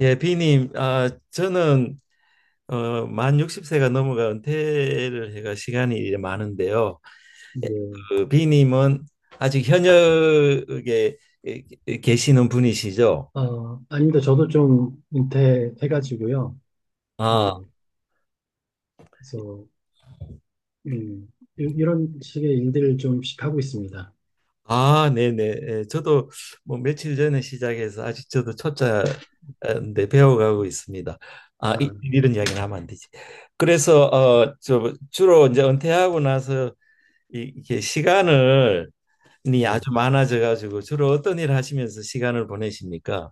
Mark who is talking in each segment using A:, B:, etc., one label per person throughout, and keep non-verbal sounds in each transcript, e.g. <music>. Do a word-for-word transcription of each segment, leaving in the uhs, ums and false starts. A: 예, 비님, 아, 저는 어, 만 육십 세가 넘어가 은퇴를 해가 시간이 이제 많은데요. 예,
B: 예.
A: 그 비님은 아직 현역에 에, 계시는 분이시죠?
B: 아, 아닙니다. 저도 좀 은퇴해가지고요.
A: 아,
B: 예. 그래서, 음, 이- 이런 식의 일들을 좀씩 하고 있습니다.
A: 아, 네네. 예, 저도 뭐 며칠 전에 시작해서 아직 저도 초짜인데 배워가고 있습니다. 아, 이,
B: 아,
A: 런 이야기는 하면 안 되지. 그래서 어, 저 주로 이제 은퇴하고 나서 이- 이게 시간을 이 네.
B: 예.
A: 아주 많아져 가지고 주로 어떤 일 하시면서 시간을 보내십니까?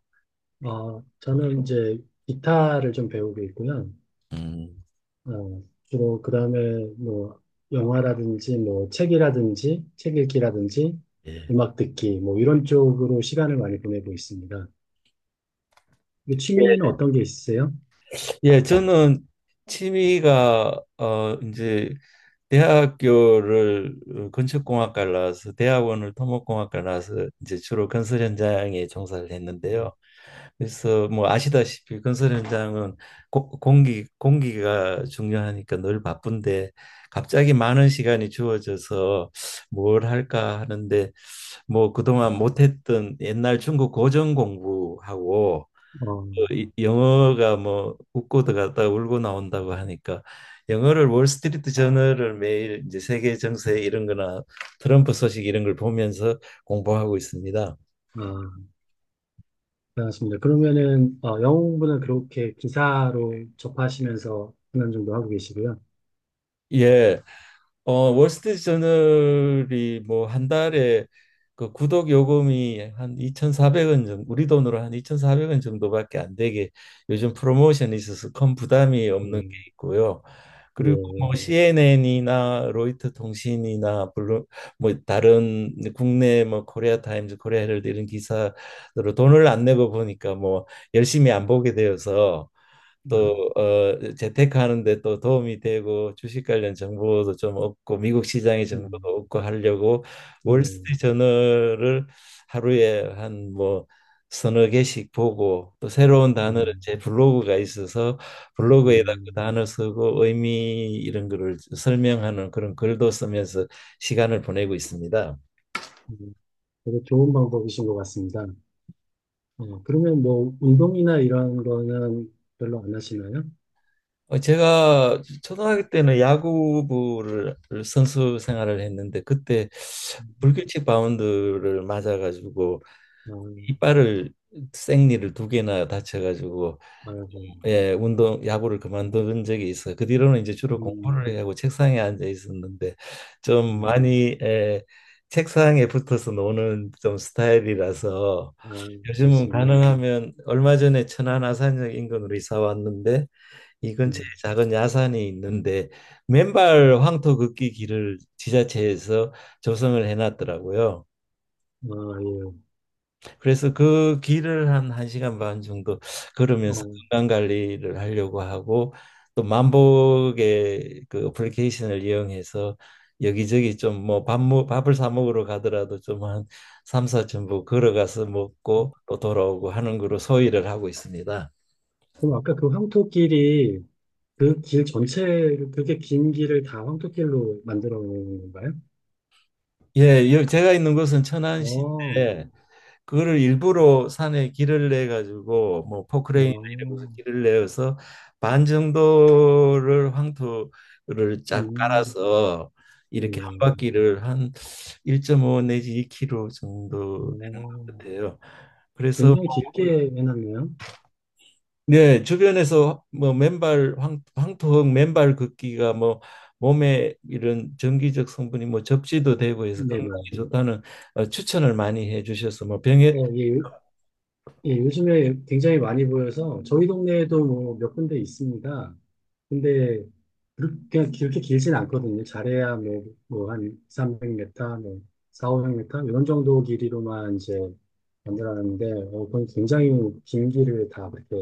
B: 어, 저는 이제 기타를 좀 배우고 있고요.
A: 음,
B: 어, 주로 그 다음에 뭐, 영화라든지 뭐, 책이라든지, 책 읽기라든지,
A: 예.
B: 음악 듣기, 뭐, 이런 쪽으로 시간을 많이 보내고 있습니다. 이 취미는 어떤 게 있으세요?
A: 예, 저는 취미가 어 이제 대학교를 어, 건축공학과를 나와서 대학원을 토목공학과를 나와서 이제 주로 건설 현장에 종사를
B: 음,
A: 했는데요. 그래서 뭐 아시다시피 건설 현장은 고, 공기 공기가 중요하니까 늘 바쁜데 갑자기 많은 시간이 주어져서 뭘 할까 하는데 뭐 그동안 못했던 옛날 중국 고전 공부하고
B: 어,
A: 이- 영어가 뭐 웃고 들어갔다가 울고 나온다고 하니까 영어를, 월스트리트 저널을 매일 이제 세계 정세 이런 거나 트럼프 소식 이런 걸 보면서 공부하고 있습니다.
B: 아, 알겠습니다. 그러면은 어, 영어 공부는 그렇게 기사로 접하시면서 한 년 정도 하고 계시고요.
A: 예. 어, 월스트리트 저널이 뭐 한 달에 그 구독 요금이 한 이천사백 원 정도, 우리 돈으로 한 이천사백 원 정도밖에 안 되게 요즘 프로모션이 있어서 큰 부담이 없는 게
B: 음,
A: 있고요. 그리고
B: 예,
A: 뭐 네. 씨엔엔이나 로이터 통신이나 블루, 뭐 다른 국내 뭐 코리아 타임즈, 코리아 헤럴드 이런 기사로 돈을 안 내고 보니까 뭐 열심히 안 보게 되어서, 또
B: 아,
A: 어, 재테크하는데 또 도움이 되고 주식 관련 정보도 좀 얻고 미국 시장의
B: 음,
A: 정보도 얻고 하려고,
B: 예,
A: 월스트리트 저널을 하루에 한 뭐 서너 개씩 보고, 또 새로운 단어를
B: 음,
A: 제 블로그가 있어서 블로그에다 그
B: 음,
A: 단어 쓰고 의미 이런 거를 설명하는 그런 글도 쓰면서 시간을 보내고 있습니다.
B: 음. 되게 좋은 방법이신 것 같습니다. 어, 그러면 뭐 운동이나 이런 거는 별로 안 하시나요?
A: 어, 제가 초등학교 때는 야구부를 선수 생활을 했는데, 그때 불규칙 바운드를 맞아가지고
B: 아,
A: 이빨을, 생니를 두 개나 다쳐가지고
B: 아이고,
A: 예 운동, 야구를 그만둔 적이 있어. 요그 뒤로는 이제 주로
B: 음,
A: 공부를 하고 책상에 앉아 있었는데, 좀
B: 음,
A: 많이, 예, 책상에 붙어서 노는 좀 스타일이라서,
B: 아,
A: 요즘은
B: 그렇습니다.
A: 가능하면, 얼마 전에 천안 아산역 인근으로 이사 왔는데 이 근처에
B: 음,
A: 작은 야산이 있는데, 맨발 황토 걷기 길을 지자체에서 조성을 해놨더라고요.
B: 아, 예.
A: 그래서 그 길을 한 1시간 반 정도 음.
B: 어,
A: 걸으면서 건강 관리를 하려고 하고, 또 만복의 그 어플리케이션을 이용해서 여기저기 좀 뭐 밥, 먹- 밥을 사 먹으러 가더라도 좀 한 삼사천보 걸어가서 먹고 또 돌아오고 하는 거로 소일을 하고 있습니다.
B: 그럼 아까 그 황토끼리 그 길 전체를, 그게 긴 길을 다 황토길로 만들어 놓은 건가요?
A: 예, 여- 제가 있는 곳은
B: 어,
A: 천안시인데, 그거를 일부러 산에 길을 내 가지고 뭐 포크레인이나 이런 곳에
B: 어,
A: 길을 내어서 반 정도를 황토를 쫙
B: 음,
A: 깔아서 이렇게 한
B: 어,
A: 바퀴를 한 일 점 오 내지 이 킬로미터 정도
B: 어.
A: 같아요. 그래서
B: 굉장히 길게 해놨네요.
A: 네, 주변에서 뭐 맨발 황, 황토흙 맨발 걷기가 뭐 몸에 이런 전기적 성분이 뭐 접지도 되고 해서 건강에
B: 네네.
A: 좋다는, 어, 추천을 많이 해주셔서, 뭐
B: 어,
A: 병에,
B: 예, 예, 요즘에 굉장히 많이 보여서 저희 동네에도 뭐 몇 군데 있습니다. 근데 그렇게, 그렇게 길진 않거든요. 잘해야 뭐, 뭐 한삼0 0 m 뭐 사백 미터 이런 정도 길이로만 이제 만들어놨는데 어, 그건 굉장히 긴 길을 다 그렇게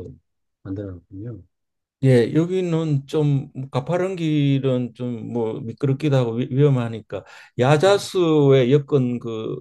B: 만들어놨군요.
A: 예, 여기는 좀 가파른 길은 좀 뭐 미끄럽기도 하고 위, 위험하니까 야자수의 여건 그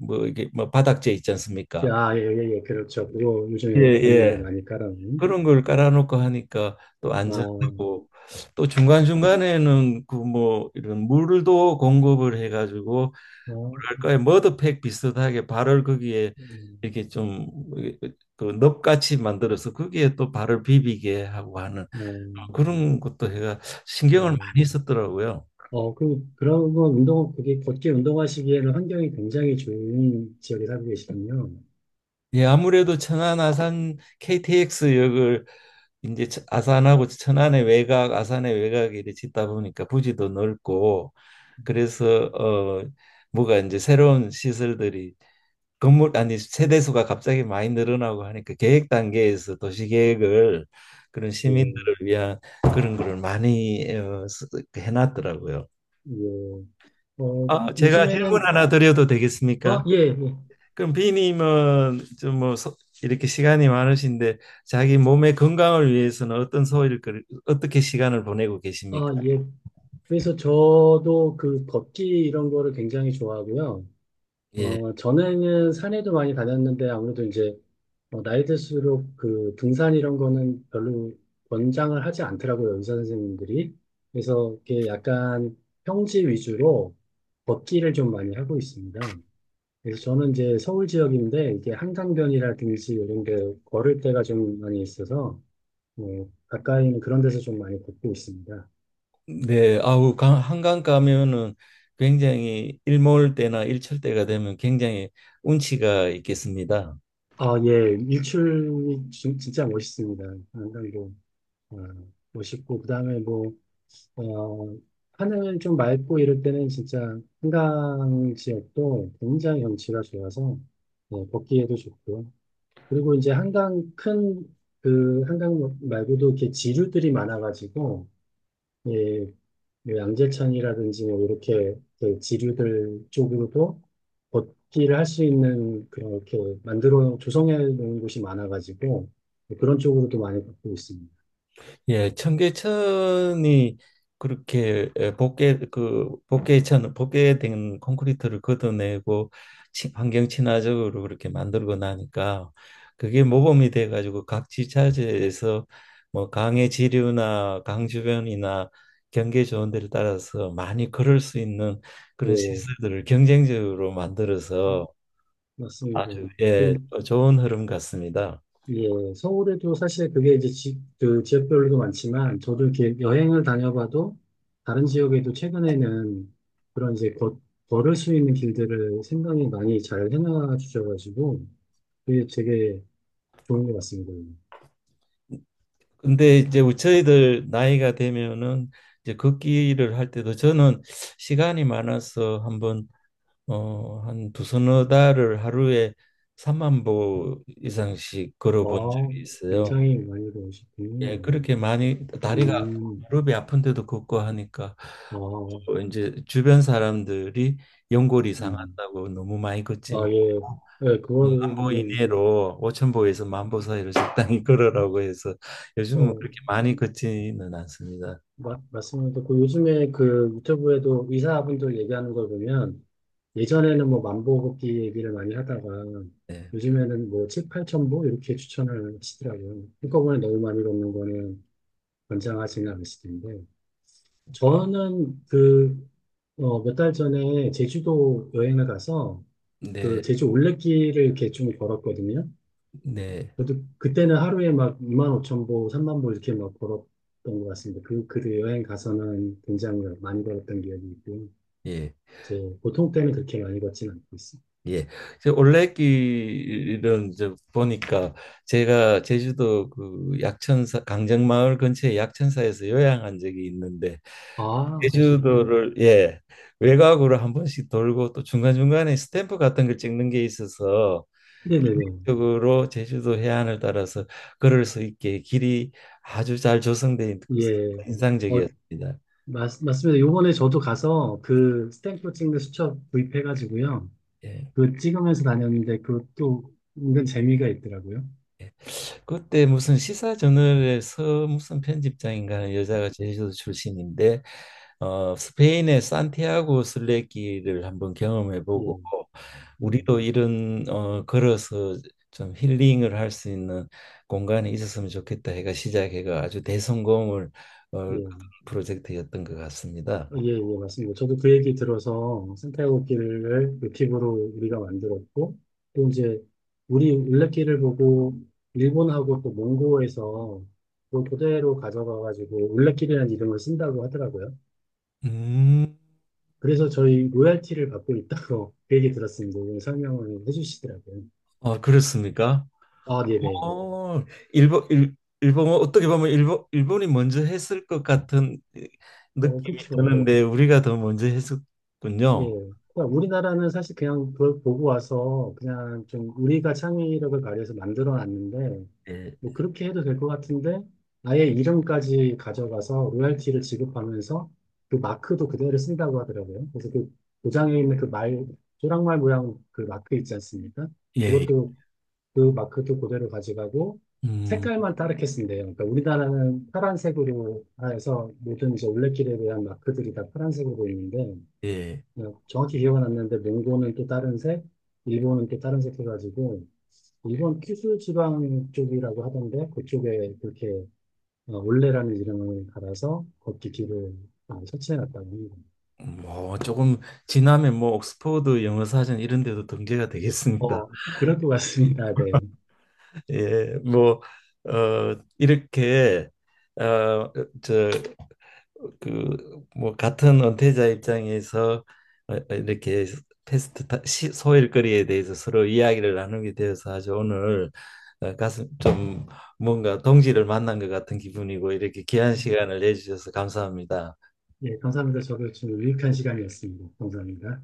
A: 뭐 이게 뭐 바닥재 있지 않습니까?
B: 아, 예, 예, 예, 그렇죠. 그거
A: 예,
B: 요즘에 걷는데
A: 예.
B: 많이 깔아놓은.
A: 그런 걸 깔아놓고 하니까 또
B: 아,
A: 안전하고, 또 중간중간에는 그 뭐 이런 물도 공급을 해가지고
B: 아,
A: 뭐랄까요, 머드팩 비슷하게 발을 거기에
B: 음,
A: 이렇게 좀그 넙같이 만들어서 거기에 또 발을 비비게 하고 하는
B: 어,
A: 그런 것도 해가 신경을
B: 어,
A: 많이 썼더라고요.
B: 어, 그, 그런 건 운동, 그게 걷기 운동하시기에는 환경이 굉장히 좋은 지역에 살고 계시군요.
A: 예, 아무래도 천안 아산 케이티엑스 역을 이제 천- 아산하고 천안의 외곽, 아산의 외곽에 이렇게 짓다 보니까 부지도 넓고, 그래서 어 뭐가 이제 새로운 시설들이, 건물 아니 세대수가 갑자기 많이 늘어나고 하니까 계획 단계에서 도시 계획을, 그런
B: 예,
A: 시민들을 위한 그런 거를 많이 어, 쓰- 해놨더라고요.
B: 예. 어,
A: 아, 제가 질문
B: 요즘에는,
A: 하나 드려도
B: 아,
A: 되겠습니까?
B: 예, 예.
A: 그럼 비님은 좀 뭐 이렇게 시간이 많으신데 자기 몸의 건강을 위해서는 어떤 소일, 어떻게 시간을 보내고 계십니까?
B: 아, 예. 그래서 저도 그 걷기 이런 거를 굉장히 좋아하고요.
A: 예.
B: 어, 전에는 산에도 많이 다녔는데 아무래도 이제 어, 나이 들수록 그 등산 이런 거는 별로 권장을 하지 않더라고요, 의사 선생님들이. 그래서 이게 약간 평지 위주로 걷기를 좀 많이 하고 있습니다. 그래서 저는 이제 서울 지역인데 이게 한강변이라든지 이런 게 걸을 때가 좀 많이 있어서 어, 가까이 는 그런 데서 좀 많이 걷고 있습니다.
A: 네, 아우 강- 한강 가면은 굉장히, 일몰 때나 일출 때가 되면 굉장히 운치가 있겠습니다.
B: 아, 예, 일출이 진- 진짜 멋있습니다. 한강도 어, 멋있고 그다음에 뭐 어, 하늘 좀 맑고 이럴 때는 진짜 한강 지역도 굉장히 경치가 좋아서 어, 걷기에도 좋고요. 그리고 이제 한강 큰 그 한강 말고도 이렇게 지류들이 많아가지고 예, 그 양재천이라든지 뭐 이렇게 그 지류들 쪽으로도 걷기를 할 수 있는 그렇게 만들어 조성해 놓은 곳이 많아가지고 그런 쪽으로도 많이 걷고 있습니다.
A: 예, 청계천이 그렇게 에, 복개, 그 복개천, 복개된 콘크리트를 걷어내고 치- 환경 친화적으로 그렇게 만들고 나니까, 그게 모범이 돼 가지고 각 지자체에서 뭐 강의 지류나 강 주변이나 경계 좋은 데를 따라서 많이 걸을 수 있는
B: 예,
A: 그런 시설들을 경쟁적으로 만들어서,
B: 맞습니다.
A: 아주, 예,
B: 그,
A: 좋은 흐름 같습니다.
B: 예, 서울에도 사실 그게 이제 지, 그 지역별로도 많지만 저도 이렇게 여행을 다녀봐도 다른 지역에도 최근에는 그런 이제 걷, 걸을 수 있는 길들을 생각이 많이 잘 해놔 주셔가지고 그게 되게 좋은 것 같습니다.
A: 근데 이제 우리 저희들 나이가 되면은 이제 걷기를 할 때도, 저는 시간이 많아서 한번 어, 한 두서너 달을 하루에 삼만 보 이상씩
B: 아,
A: 걸어본 적이 있어요.
B: 굉장히 많이 배우시군요.
A: 예, 그렇게 많이 다리가,
B: 음,
A: 무릎이 아픈데도 걷고 하니까,
B: 아,
A: 어, 이제 주변 사람들이 연골이
B: 음.
A: 상한다고, 너무 많이 걷지만
B: 아, 예. 예,
A: 만 보
B: 그거는,
A: 이내로, 오천보에서 만 보 사이로 적당히 <laughs> 걸으라고 해서 요즘은
B: 어,
A: 그렇게 많이 걷지는 않습니다.
B: 마, 맞습니다. 그 요즘에 그 유튜브에도 의사분들 얘기하는 걸 보면 예전에는 뭐 만보걷기 얘기를 많이 하다가
A: 네,
B: 요즘에는 뭐 칠, 팔천 보 이렇게 추천을 하시더라고요. 한꺼번에 너무 많이 걷는 거는 권장하지는 않으실 텐데. 저는 그, 어, 몇 달 전에 제주도 여행을 가서 그
A: 네,
B: 제주 올레길을 이렇게 좀 걸었거든요.
A: 네,
B: 저도 그때는 하루에 막 이만 오천 보, 삼만 보 이렇게 막 걸었던 것 같습니다. 그, 그 여행 가서는 굉장히 많이 걸었던 기억이 있고요.
A: 예,
B: 이제 보통 때는 그렇게 많이 걷진 않고 있습니다.
A: 예. 저 올레길은 저 보니까, 제가 제주도 그 약천사, 강정마을 근처에 약천사에서 요양한 적이 있는데,
B: 아, 그러시군요.
A: 제주도를, 예, 외곽으로 한 번씩 돌고 또 중간중간에 스탬프 같은 걸 찍는 게 있어서,
B: 네네네.
A: 쪽으로 제주도 해안을 따라서 걸을 수 있게 길이 아주 잘 조성돼 있고
B: 예. 어,
A: 인상적이었습니다.
B: 맞, 맞습니다. 요번에 저도 가서 그 스탬프 찍는 수첩 구입해가지고요.
A: 예.
B: 그 찍으면서 다녔는데 그것도 은근 재미가 있더라고요.
A: 예. 그때 무슨 시사 저널에서 무슨 편집장인가 하는 여자가 제주도 출신인데, 어, 스페인의 산티아고 순례길을 한번 경험해보고
B: 예, 예,
A: 우리도 이런 어, 걸어서 좀 힐링을 할 수 있는 공간이 있었으면 좋겠다 해가 시작해가, 아주 대성공을, 어,
B: 예.
A: 프로젝트였던 것 같습니다.
B: 예, 예, 맞습니다. 저도 그 얘기 들어서 산티아고길을 모티브로 우리가 만들었고, 또 이제 우리 울레길을 보고 일본하고 또 몽고에서 그 그대로 가져가가지고 울레길이라는 이름을 쓴다고 하더라고요.
A: 음,
B: 그래서 저희 로열티를 받고 있다고 <laughs> 그 얘기 들었습니다. 오늘 설명을 해주시더라고요.
A: 아, 그렇습니까?
B: 아, 네네.
A: 어, 일본, 일, 일본, 어떻게 보면 일본, 일본이 먼저 했을 것 같은
B: 어,
A: 느낌이
B: 그쵸.
A: 드는데, 우리가 더 먼저
B: 예.
A: 했었군요.
B: 그러니까 우리나라는 사실 그냥 그걸 보고 와서 그냥 좀 우리가 창의력을 발휘해서 만들어 놨는데
A: 예,
B: 뭐 그렇게 해도 될 것 같은데 아예 이름까지 가져가서 로열티를 지급하면서 그 마크도 그대로 쓴다고 하더라고요. 그래서 그 도장에 있는 그 말, 조랑말 모양 그 마크 있지 않습니까?
A: 예, 예.
B: 그것도 그 마크도 그대로 가져가고
A: 음,
B: 색깔만 다르게 쓴대요. 그러니까 우리나라는 파란색으로 해서 모든 이제 올레길에 대한 마크들이 다 파란색으로 보이는데
A: 예.
B: 어, 정확히 기억은 안 나는데 몽고는 또 다른 색, 일본은 또 다른 색 해가지고 일본 큐슈 지방 쪽이라고 하던데 그쪽에 그렇게 어, 올레라는 이름을 갈아서 걷기 길을 어, 설치해 놨다고 합니다.
A: 뭐, 조금 지나면 뭐, 옥스퍼드 영어 사전 이런 데도 등재가 되겠습니다.
B: 어, 그럴 것 같습니다. 네.
A: <laughs> 예, 뭐, 어, 이렇게, 어, 저, 그 뭐 같은 은퇴자 입장에서 어, 어, 이렇게 패스트 타- 시- 소일거리에 대해서 서로 이야기를 나누게 되어서, 아주, 오늘 어, 가슴 좀 뭔가 동지를 만난 것 같은 기분이고, 이렇게 귀한 시간을 내주셔서 감사합니다.
B: 예, 감사합니다. 저도 좀 유익한 시간이었습니다. 감사합니다.